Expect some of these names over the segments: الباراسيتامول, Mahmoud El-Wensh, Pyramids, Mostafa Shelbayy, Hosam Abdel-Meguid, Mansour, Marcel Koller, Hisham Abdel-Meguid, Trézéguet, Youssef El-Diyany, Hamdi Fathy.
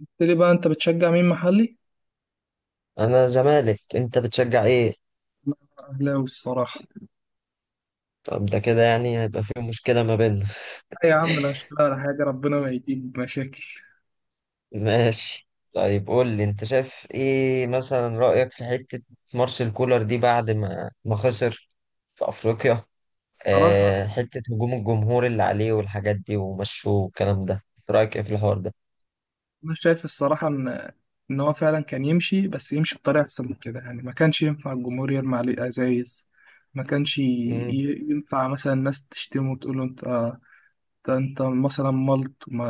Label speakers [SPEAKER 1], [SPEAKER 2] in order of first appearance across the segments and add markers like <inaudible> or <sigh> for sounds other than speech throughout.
[SPEAKER 1] قلت لي بقى انت بتشجع مين محلي؟
[SPEAKER 2] انا زمالك. انت بتشجع ايه؟
[SPEAKER 1] لا، اهلاوي الصراحه.
[SPEAKER 2] طب ده كده يعني هيبقى في مشكلة ما بيننا. <laughs>
[SPEAKER 1] لا يا عم، لا اشتغل على حاجه ربنا ما يجيب مشاكل.
[SPEAKER 2] ماشي. طيب قول لي، انت شايف ايه مثلا؟ رأيك في حتة مارسيل كولر دي بعد ما خسر في افريقيا،
[SPEAKER 1] صراحه
[SPEAKER 2] حتة هجوم الجمهور اللي عليه والحاجات دي ومشوه والكلام ده، رأيك ايه في الحوار ده؟
[SPEAKER 1] انا شايف الصراحه ان هو فعلا كان يمشي، بس يمشي بطريقه احسن من كده. يعني ما كانش ينفع الجمهور يرمي عليه ازايز. ما كانش
[SPEAKER 2] مم.
[SPEAKER 1] ينفع مثلا الناس تشتمه وتقول له انت انت مثلا ملط وما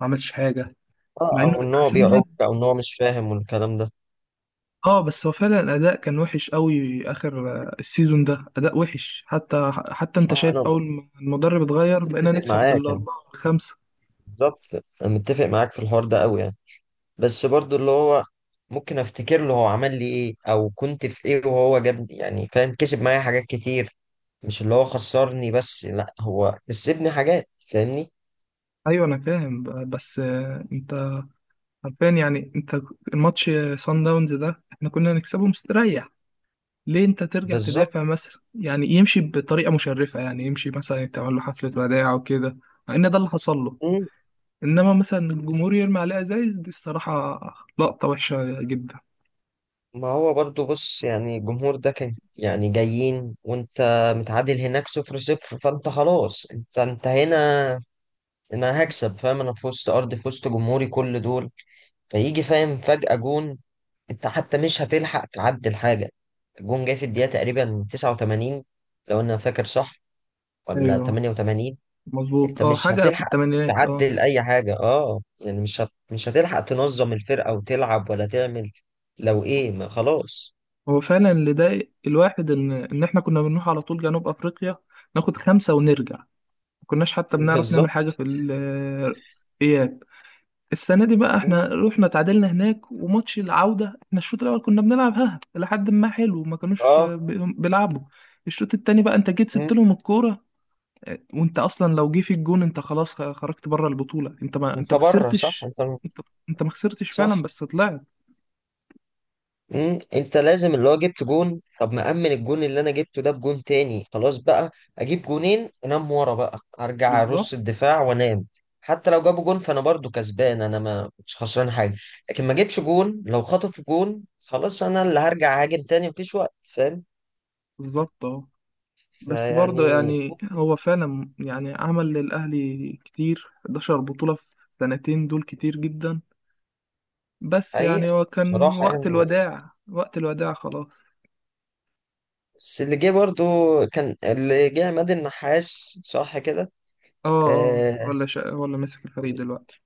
[SPEAKER 1] ما عملتش حاجه،
[SPEAKER 2] اه،
[SPEAKER 1] مع انه
[SPEAKER 2] او ان هو
[SPEAKER 1] عشان ده.
[SPEAKER 2] بيعك، او ان هو مش فاهم والكلام ده.
[SPEAKER 1] اه، بس هو فعلا الاداء كان وحش قوي اخر السيزون ده. اداء وحش حتى انت
[SPEAKER 2] اه،
[SPEAKER 1] شايف،
[SPEAKER 2] انا
[SPEAKER 1] اول ما المدرب اتغير بقينا
[SPEAKER 2] متفق
[SPEAKER 1] نكسب
[SPEAKER 2] معاك يعني،
[SPEAKER 1] بالاربعه والخمسه.
[SPEAKER 2] بالظبط. انا متفق معاك في الحوار ده قوي يعني. بس برضو اللي هو ممكن افتكر له هو عمل لي ايه، او كنت في ايه وهو جابني، يعني فاهم، كسب معايا حاجات كتير. مش اللي هو خسرني بس، لا هو كسبني حاجات، فاهمني؟
[SPEAKER 1] ايوه انا فاهم، بس انت عارفين يعني، انت الماتش سان داونز ده احنا كنا نكسبه مستريح. ليه انت ترجع
[SPEAKER 2] بالظبط.
[SPEAKER 1] تدافع مثلا؟ يعني يمشي بطريقه مشرفه، يعني يمشي مثلا تعمل له حفله وداع وكده، مع ان ده اللي حصل له.
[SPEAKER 2] مم.
[SPEAKER 1] انما مثلا الجمهور يرمي عليه ازايز دي الصراحه لقطه وحشه جدا.
[SPEAKER 2] ما هو برضو بص، يعني الجمهور ده كان يعني جايين وانت متعادل هناك 0-0، فانت خلاص، انت هنا انا هكسب، فاهم؟ انا في وسط ارضي، في وسط جمهوري، كل دول، فيجي فاهم، فجأة جون، انت حتى مش هتلحق تعدل حاجة. الجون جاي في الدقيقة تقريبا 89، لو انا فاكر صح، ولا
[SPEAKER 1] ايوه
[SPEAKER 2] 88.
[SPEAKER 1] مظبوط،
[SPEAKER 2] انت
[SPEAKER 1] اه
[SPEAKER 2] مش
[SPEAKER 1] حاجة في
[SPEAKER 2] هتلحق
[SPEAKER 1] الثمانينات اه.
[SPEAKER 2] تعدل اي حاجة. اه يعني مش هتلحق تنظم الفرقة وتلعب ولا تعمل، لو ايه ما خلاص.
[SPEAKER 1] هو فعلا اللي ضايق الواحد ان احنا كنا بنروح على طول جنوب افريقيا، ناخد خمسة ونرجع، ما كناش
[SPEAKER 2] <laughs>
[SPEAKER 1] حتى بنعرف نعمل حاجة
[SPEAKER 2] بالظبط،
[SPEAKER 1] في اياب. السنة دي بقى احنا رحنا تعادلنا هناك، وماتش العودة احنا الشوط الأول كنا بنلعب ها لحد ما حلو، ما كانوش
[SPEAKER 2] اه.
[SPEAKER 1] بيلعبوا. الشوط التاني بقى انت جيت سبت
[SPEAKER 2] مم.
[SPEAKER 1] لهم الكورة. اه، وانت اصلا لو جه في الجون انت خلاص خرجت بره البطولة، انت ما، انت
[SPEAKER 2] انت
[SPEAKER 1] ما
[SPEAKER 2] بره، صح؟
[SPEAKER 1] خسرتش.
[SPEAKER 2] انت
[SPEAKER 1] انت انت ما خسرتش فعلا
[SPEAKER 2] صح.
[SPEAKER 1] بس طلعت.
[SPEAKER 2] مم، انت لازم اللي هو جبت جون، طب ما امن الجون اللي انا جبته ده بجون تاني خلاص بقى، اجيب جونين انام ورا بقى، ارجع
[SPEAKER 1] بالظبط،
[SPEAKER 2] ارص الدفاع وانام. حتى لو جابوا جون فانا برضو كسبان، انا ما مش خسران حاجه. لكن ما جبش جون، لو خطفوا جون خلاص، انا اللي هرجع هاجم تاني، مفيش وقت، فاهم؟
[SPEAKER 1] بالظبط اه. بس برضه
[SPEAKER 2] فيعني
[SPEAKER 1] يعني
[SPEAKER 2] ممكن.
[SPEAKER 1] هو فعلا يعني عمل للأهلي كتير، 11 بطولة في سنتين، دول كتير جدا. بس يعني
[SPEAKER 2] حقيقة،
[SPEAKER 1] هو كان
[SPEAKER 2] بصراحه
[SPEAKER 1] وقت
[SPEAKER 2] يعني،
[SPEAKER 1] الوداع، وقت الوداع خلاص.
[SPEAKER 2] بس اللي جه برضو، كان اللي جه عماد النحاس، صح كده؟
[SPEAKER 1] اه اه،
[SPEAKER 2] آه.
[SPEAKER 1] ولا ماسك الفريق دلوقتي؟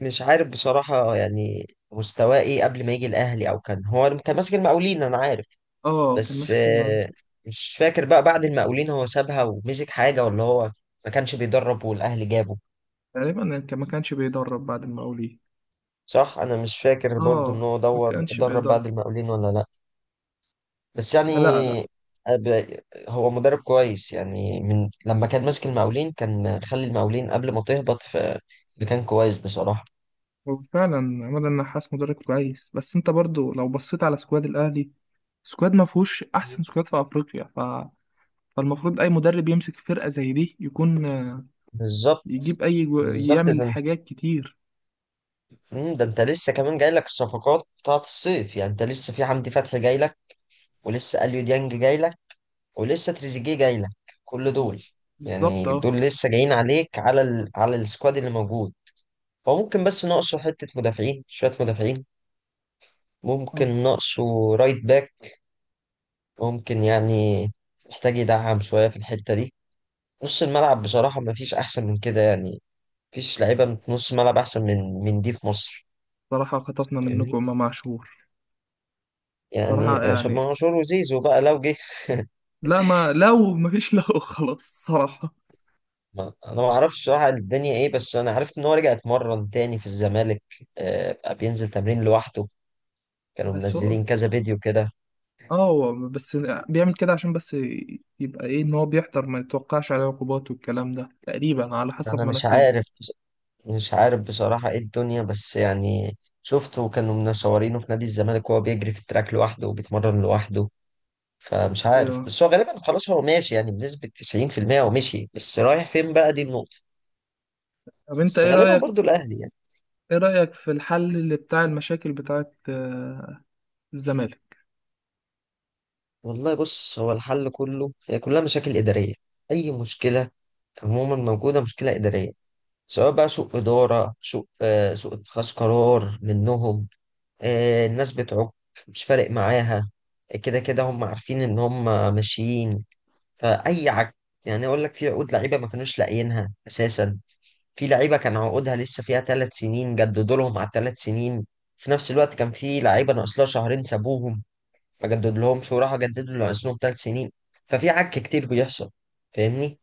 [SPEAKER 2] مش عارف بصراحة يعني مستواه ايه قبل ما يجي الأهلي، أو كان هو كان ماسك المقاولين أنا عارف،
[SPEAKER 1] اه كان
[SPEAKER 2] بس
[SPEAKER 1] ماسك المقاولين.
[SPEAKER 2] مش فاكر بقى بعد المقاولين هو سابها ومسك حاجة، ولا هو ما كانش بيدرب والأهلي جابه.
[SPEAKER 1] تقريبا يعني كان ما كانش بيدرب بعد المقاولين.
[SPEAKER 2] صح، أنا مش فاكر برضو إن
[SPEAKER 1] اه
[SPEAKER 2] هو
[SPEAKER 1] ما
[SPEAKER 2] دور
[SPEAKER 1] كانش
[SPEAKER 2] درب
[SPEAKER 1] بيدرب.
[SPEAKER 2] بعد المقاولين ولا لأ. بس يعني
[SPEAKER 1] ما، لا لا.
[SPEAKER 2] أب- هو مدرب كويس يعني، من لما كان ماسك المقاولين كان خلي المقاولين قبل ما تهبط في مكان كويس بصراحة.
[SPEAKER 1] هو فعلا عماد النحاس مدرب كويس، بس انت برضو لو بصيت على سكواد الاهلي، سكواد ما فيهوش احسن سكواد في افريقيا. فالمفروض اي مدرب يمسك فرقة زي دي يكون
[SPEAKER 2] بالظبط.
[SPEAKER 1] يجيب اي
[SPEAKER 2] بالظبط
[SPEAKER 1] يعمل
[SPEAKER 2] ده.
[SPEAKER 1] حاجات كتير.
[SPEAKER 2] ده انت لسه كمان جاي لك الصفقات بتاعت الصيف، يعني انت لسه في حمدي فتحي جاي لك، ولسه اليو ديانج جاي لك، ولسه تريزيجيه جاي لك، كل
[SPEAKER 1] بز-
[SPEAKER 2] دول،
[SPEAKER 1] بالظبط
[SPEAKER 2] يعني
[SPEAKER 1] اه
[SPEAKER 2] دول لسه جايين عليك، على السكواد اللي موجود. هو ممكن بس ناقصه حتة مدافعين، شوية مدافعين،
[SPEAKER 1] اه.
[SPEAKER 2] ممكن ناقصه رايت باك، ممكن، يعني محتاج يدعم شوية في الحتة دي. نص الملعب بصراحة مفيش أحسن من كده يعني، مفيش لعيبة نص ملعب أحسن من دي في مصر.
[SPEAKER 1] صراحة خطفنا
[SPEAKER 2] فاهمني؟
[SPEAKER 1] منكم ما معشور.
[SPEAKER 2] يعني
[SPEAKER 1] صراحة
[SPEAKER 2] عشان
[SPEAKER 1] يعني،
[SPEAKER 2] منصور وزيزو بقى لو جه.
[SPEAKER 1] لا ما، لو ما فيش لو <laughs> خلاص. صراحة.
[SPEAKER 2] ما انا ما اعرفش صراحه الدنيا ايه، بس انا عرفت ان هو رجع اتمرن تاني في الزمالك، بقى بينزل تمرين لوحده، كانوا
[SPEAKER 1] بس هو
[SPEAKER 2] منزلين كذا فيديو كده.
[SPEAKER 1] اه هو بس بيعمل كده عشان بس يبقى ايه، ان هو بيحضر ما يتوقعش عليه عقوبات والكلام ده، تقريبا على حسب
[SPEAKER 2] انا
[SPEAKER 1] ما انا
[SPEAKER 2] مش
[SPEAKER 1] فهمت.
[SPEAKER 2] عارف، مش عارف بصراحه ايه الدنيا، بس يعني شفته كانوا منشورينه في نادي الزمالك وهو بيجري في التراك لوحده وبيتمرن لوحده. فمش
[SPEAKER 1] ايوه.
[SPEAKER 2] عارف، بس هو غالبا خلاص هو ماشي، يعني بنسبه 90% هو مشي، بس رايح فين بقى، دي النقطه.
[SPEAKER 1] طب انت
[SPEAKER 2] بس
[SPEAKER 1] ايه
[SPEAKER 2] غالبا
[SPEAKER 1] رأيك،
[SPEAKER 2] برضو الاهلي.
[SPEAKER 1] ايه رأيك في الحل اللي بتاع المشاكل بتاعت الزمالك؟
[SPEAKER 2] والله بص، هو الحل كله، هي كلها مشاكل إدارية. أي مشكلة عموما موجودة مشكلة إدارية، سواء بقى سوء إدارة، سوء سوء اتخاذ قرار منهم. آه، الناس بتعك، مش فارق معاها، كده كده هم عارفين إن هم ماشيين. فأي عك، يعني أقول لك، في عقود لعيبة ما كانوش لاقيينها أساسا، في لعيبة كان عقودها لسه فيها 3 سنين، جددوا لهم على ال3 سنين، في نفس الوقت كان في لعيبة ناقص لها شهرين سابوهم، اجدد لهمش وراح اجدد له ناقصهم 3 سنين. ففي عك كتير بيحصل، فاهمني؟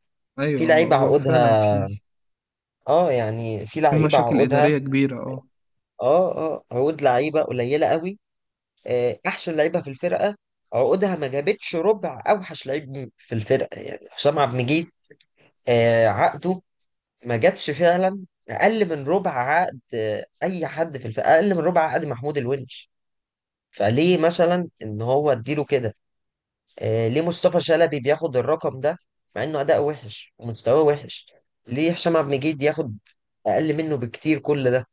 [SPEAKER 2] في
[SPEAKER 1] ايوه
[SPEAKER 2] لعيبه
[SPEAKER 1] هو فعلا
[SPEAKER 2] عقودها،
[SPEAKER 1] فيه،
[SPEAKER 2] اه يعني في
[SPEAKER 1] في
[SPEAKER 2] لعيبه
[SPEAKER 1] مشاكل
[SPEAKER 2] عقودها،
[SPEAKER 1] إدارية كبيرة اه.
[SPEAKER 2] اه اه، عقود لعيبه قليله قوي، احسن لعيبه في الفرقه عقودها ما جابتش ربع اوحش لعيب في الفرقه، يعني حسام عبد المجيد عقده ما جابش فعلا اقل من ربع عقد اي حد في الفرقه، اقل من ربع عقد محمود الونش. فليه مثلا ان هو اديله كده؟ ليه مصطفى شلبي بياخد الرقم ده مع انه اداء وحش ومستواه وحش؟ ليه هشام عبد المجيد ياخد اقل منه بكتير؟ كل ده.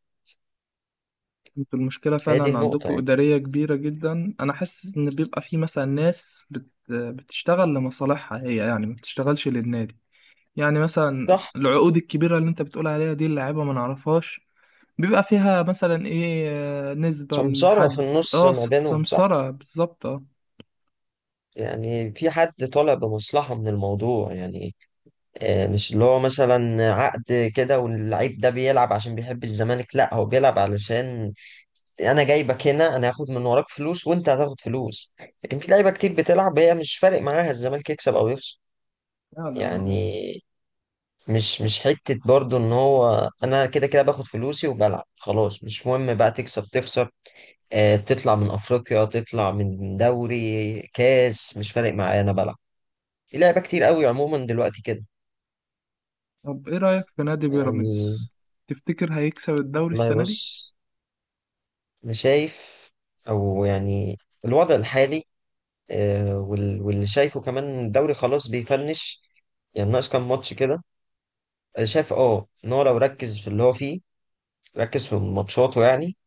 [SPEAKER 1] انتوا المشكلة
[SPEAKER 2] هي دي
[SPEAKER 1] فعلا
[SPEAKER 2] النقطة
[SPEAKER 1] عندكم
[SPEAKER 2] يعني.
[SPEAKER 1] إدارية كبيرة جدا، أنا حاسس إن بيبقى في مثلا ناس بتشتغل لمصالحها هي، يعني ما بتشتغلش للنادي. يعني مثلا
[SPEAKER 2] صح.
[SPEAKER 1] العقود الكبيرة اللي أنت بتقول عليها دي اللاعيبة ما نعرفهاش، بيبقى فيها مثلا إيه، نسبة
[SPEAKER 2] سمسارة في
[SPEAKER 1] لحد
[SPEAKER 2] النص
[SPEAKER 1] اه
[SPEAKER 2] ما بينهم، صح؟
[SPEAKER 1] سمسرة بالظبط اه.
[SPEAKER 2] يعني في حد طالع بمصلحة من الموضوع يعني. مش اللي هو مثلا عقد كده واللعيب ده بيلعب عشان بيحب الزمالك، لا هو بيلعب علشان انا جايبك هنا، انا هاخد من وراك فلوس وانت هتاخد فلوس. لكن في لعيبة كتير بتلعب هي مش فارق معاها الزمالك يكسب او يخسر،
[SPEAKER 1] فعلا
[SPEAKER 2] يعني
[SPEAKER 1] اه.
[SPEAKER 2] مش حتة برضو، ان هو انا كده كده باخد فلوسي وبلعب، خلاص مش مهم بقى تكسب تخسر، آه تطلع من افريقيا، تطلع من دوري كاس، مش فارق معايا، انا بلعب. في لعبة كتير قوي عموما دلوقتي كده.
[SPEAKER 1] طب إيه رأيك في نادي
[SPEAKER 2] يعني
[SPEAKER 1] بيراميدز؟ تفتكر هيكسب الدوري
[SPEAKER 2] والله
[SPEAKER 1] السنة
[SPEAKER 2] بص،
[SPEAKER 1] دي؟
[SPEAKER 2] انا شايف او يعني، الوضع الحالي واللي شايفه كمان، الدوري خلاص بيفنش، يعني ناقص كام ماتش كده. انا شايف اه ان هو لو ركز في اللي هو فيه، ركز في ماتشاته يعني،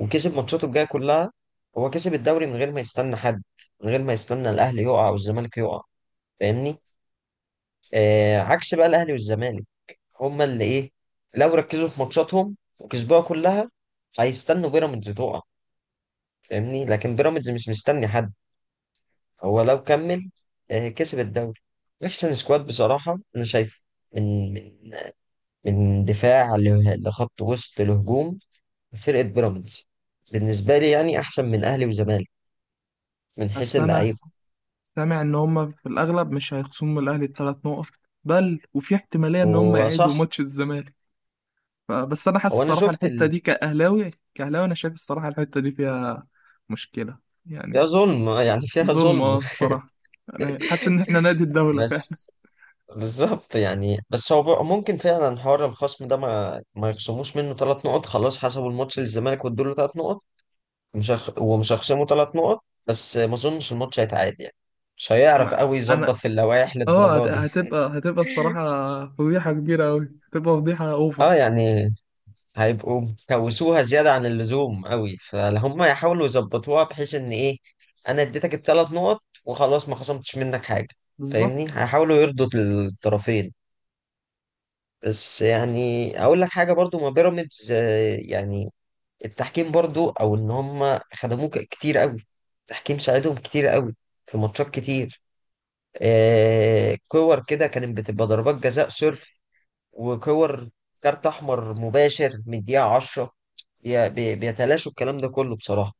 [SPEAKER 2] وكسب ماتشاته الجايه كلها، هو كسب الدوري من غير ما يستنى حد، من غير ما يستنى الاهلي يقع والزمالك يقع. فاهمني؟ آه عكس بقى الاهلي والزمالك، هما اللي ايه، لو ركزوا في ماتشاتهم وكسبوها كلها، هيستنوا بيراميدز تقع. فاهمني؟ لكن بيراميدز مش مستني حد، هو لو كمل آه كسب الدوري. احسن سكواد بصراحه انا شايفه، من من دفاع لخط وسط لهجوم، فرقه بيراميدز بالنسبه لي يعني احسن من اهلي وزمالك من حيث
[SPEAKER 1] بس أنا
[SPEAKER 2] اللعيبه.
[SPEAKER 1] سامع ان هم في الاغلب مش هيخصموا من الاهلي الثلاث نقط، بل وفي احتماليه ان هم يعيدوا
[SPEAKER 2] وصح.
[SPEAKER 1] ماتش الزمالك. فبس انا حاسس
[SPEAKER 2] هو انا
[SPEAKER 1] الصراحه
[SPEAKER 2] شفت
[SPEAKER 1] الحته دي كاهلاوي، كاهلاوي انا شايف الصراحه الحته دي فيها مشكله
[SPEAKER 2] فيها
[SPEAKER 1] يعني.
[SPEAKER 2] ظلم، <laughs> يعني فيها
[SPEAKER 1] ظلم اه
[SPEAKER 2] ظلم. <laughs>
[SPEAKER 1] الصراحه، يعني حاسس ان احنا نادي الدوله فعلا.
[SPEAKER 2] بس، بالظبط يعني. بس هو بقى ممكن فعلا حوار الخصم ده، ما يخصموش منه 3 نقط، خلاص حسبوا الماتش للزمالك وادوا له 3 نقط. مش هخ... ومش هيخصموا 3 نقط، بس ما اظنش الماتش هيتعاد يعني، مش هيعرف
[SPEAKER 1] انا
[SPEAKER 2] قوي يظبط
[SPEAKER 1] انا
[SPEAKER 2] في اللوائح
[SPEAKER 1] اه هت-
[SPEAKER 2] للدرجه دي.
[SPEAKER 1] هتبقى هتبقى الصراحه فضيحه كبيره قوي، هتبقى فضيحه
[SPEAKER 2] اه
[SPEAKER 1] اوفر.
[SPEAKER 2] يعني، هيبقوا كوسوها زيادة عن اللزوم قوي، فهم يحاولوا يظبطوها بحيث ان ايه، انا اديتك ال3 نقط وخلاص، ما خصمتش منك حاجة.
[SPEAKER 1] بالظبط.
[SPEAKER 2] فاهمني؟ هيحاولوا يرضوا الطرفين. بس يعني اقول لك حاجة برضو، ما بيراميدز يعني التحكيم برضو، او ان هم خدموه كتير قوي، التحكيم ساعدهم كتير قوي في ماتشات كتير، كور كده كانت بتبقى ضربات جزاء صرف، وكور كارت احمر مباشر من الدقيقه 10، بيتلاشوا الكلام ده كله بصراحه.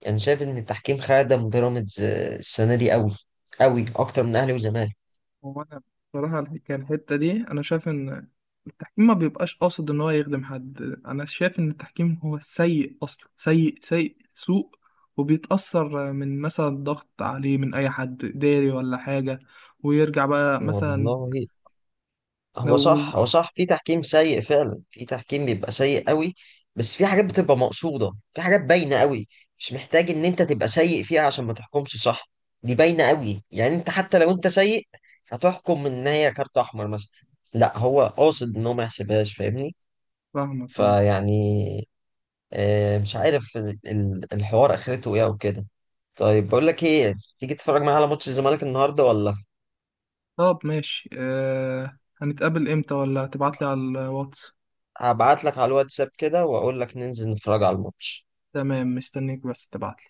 [SPEAKER 2] يعني شايف ان التحكيم خادم بيراميدز السنه دي قوي، قوي اكتر من اهلي وزمالك.
[SPEAKER 1] هو انا بصراحه الحكايه الحته دي انا شايف ان التحكيم ما بيبقاش قاصد ان هو يخدم حد. انا شايف ان التحكيم هو سيء اصلا، سيء، سوء، وبيتاثر من مثلا ضغط عليه من اي حد اداري ولا حاجه، ويرجع بقى مثلا.
[SPEAKER 2] والله،
[SPEAKER 1] لو
[SPEAKER 2] هو
[SPEAKER 1] وز-
[SPEAKER 2] صح، هو صح، في تحكيم سيء فعلا، في تحكيم بيبقى سيء قوي، بس في حاجات بتبقى مقصوده، في حاجات باينه قوي، مش محتاج ان انت تبقى سيء فيها عشان ما تحكمش صح، دي باينه قوي، يعني انت حتى لو انت سيء هتحكم ان هي كارت احمر مثلا، لا هو قاصد ان هو ما يحسبهاش. فاهمني؟
[SPEAKER 1] فاهمك اه.
[SPEAKER 2] فيعني مش عارف الحوار اخرته ايه او كده. طيب، بقول لك ايه، تيجي تتفرج معايا على ماتش الزمالك النهارده ولا؟
[SPEAKER 1] طب ماشي، هنتقابل امتى؟ ولا تبعتلي على الواتس؟
[SPEAKER 2] هبعت لك على الواتساب كده واقول لك ننزل نتفرج على الماتش.
[SPEAKER 1] تمام، مستنيك بس تبعتلي.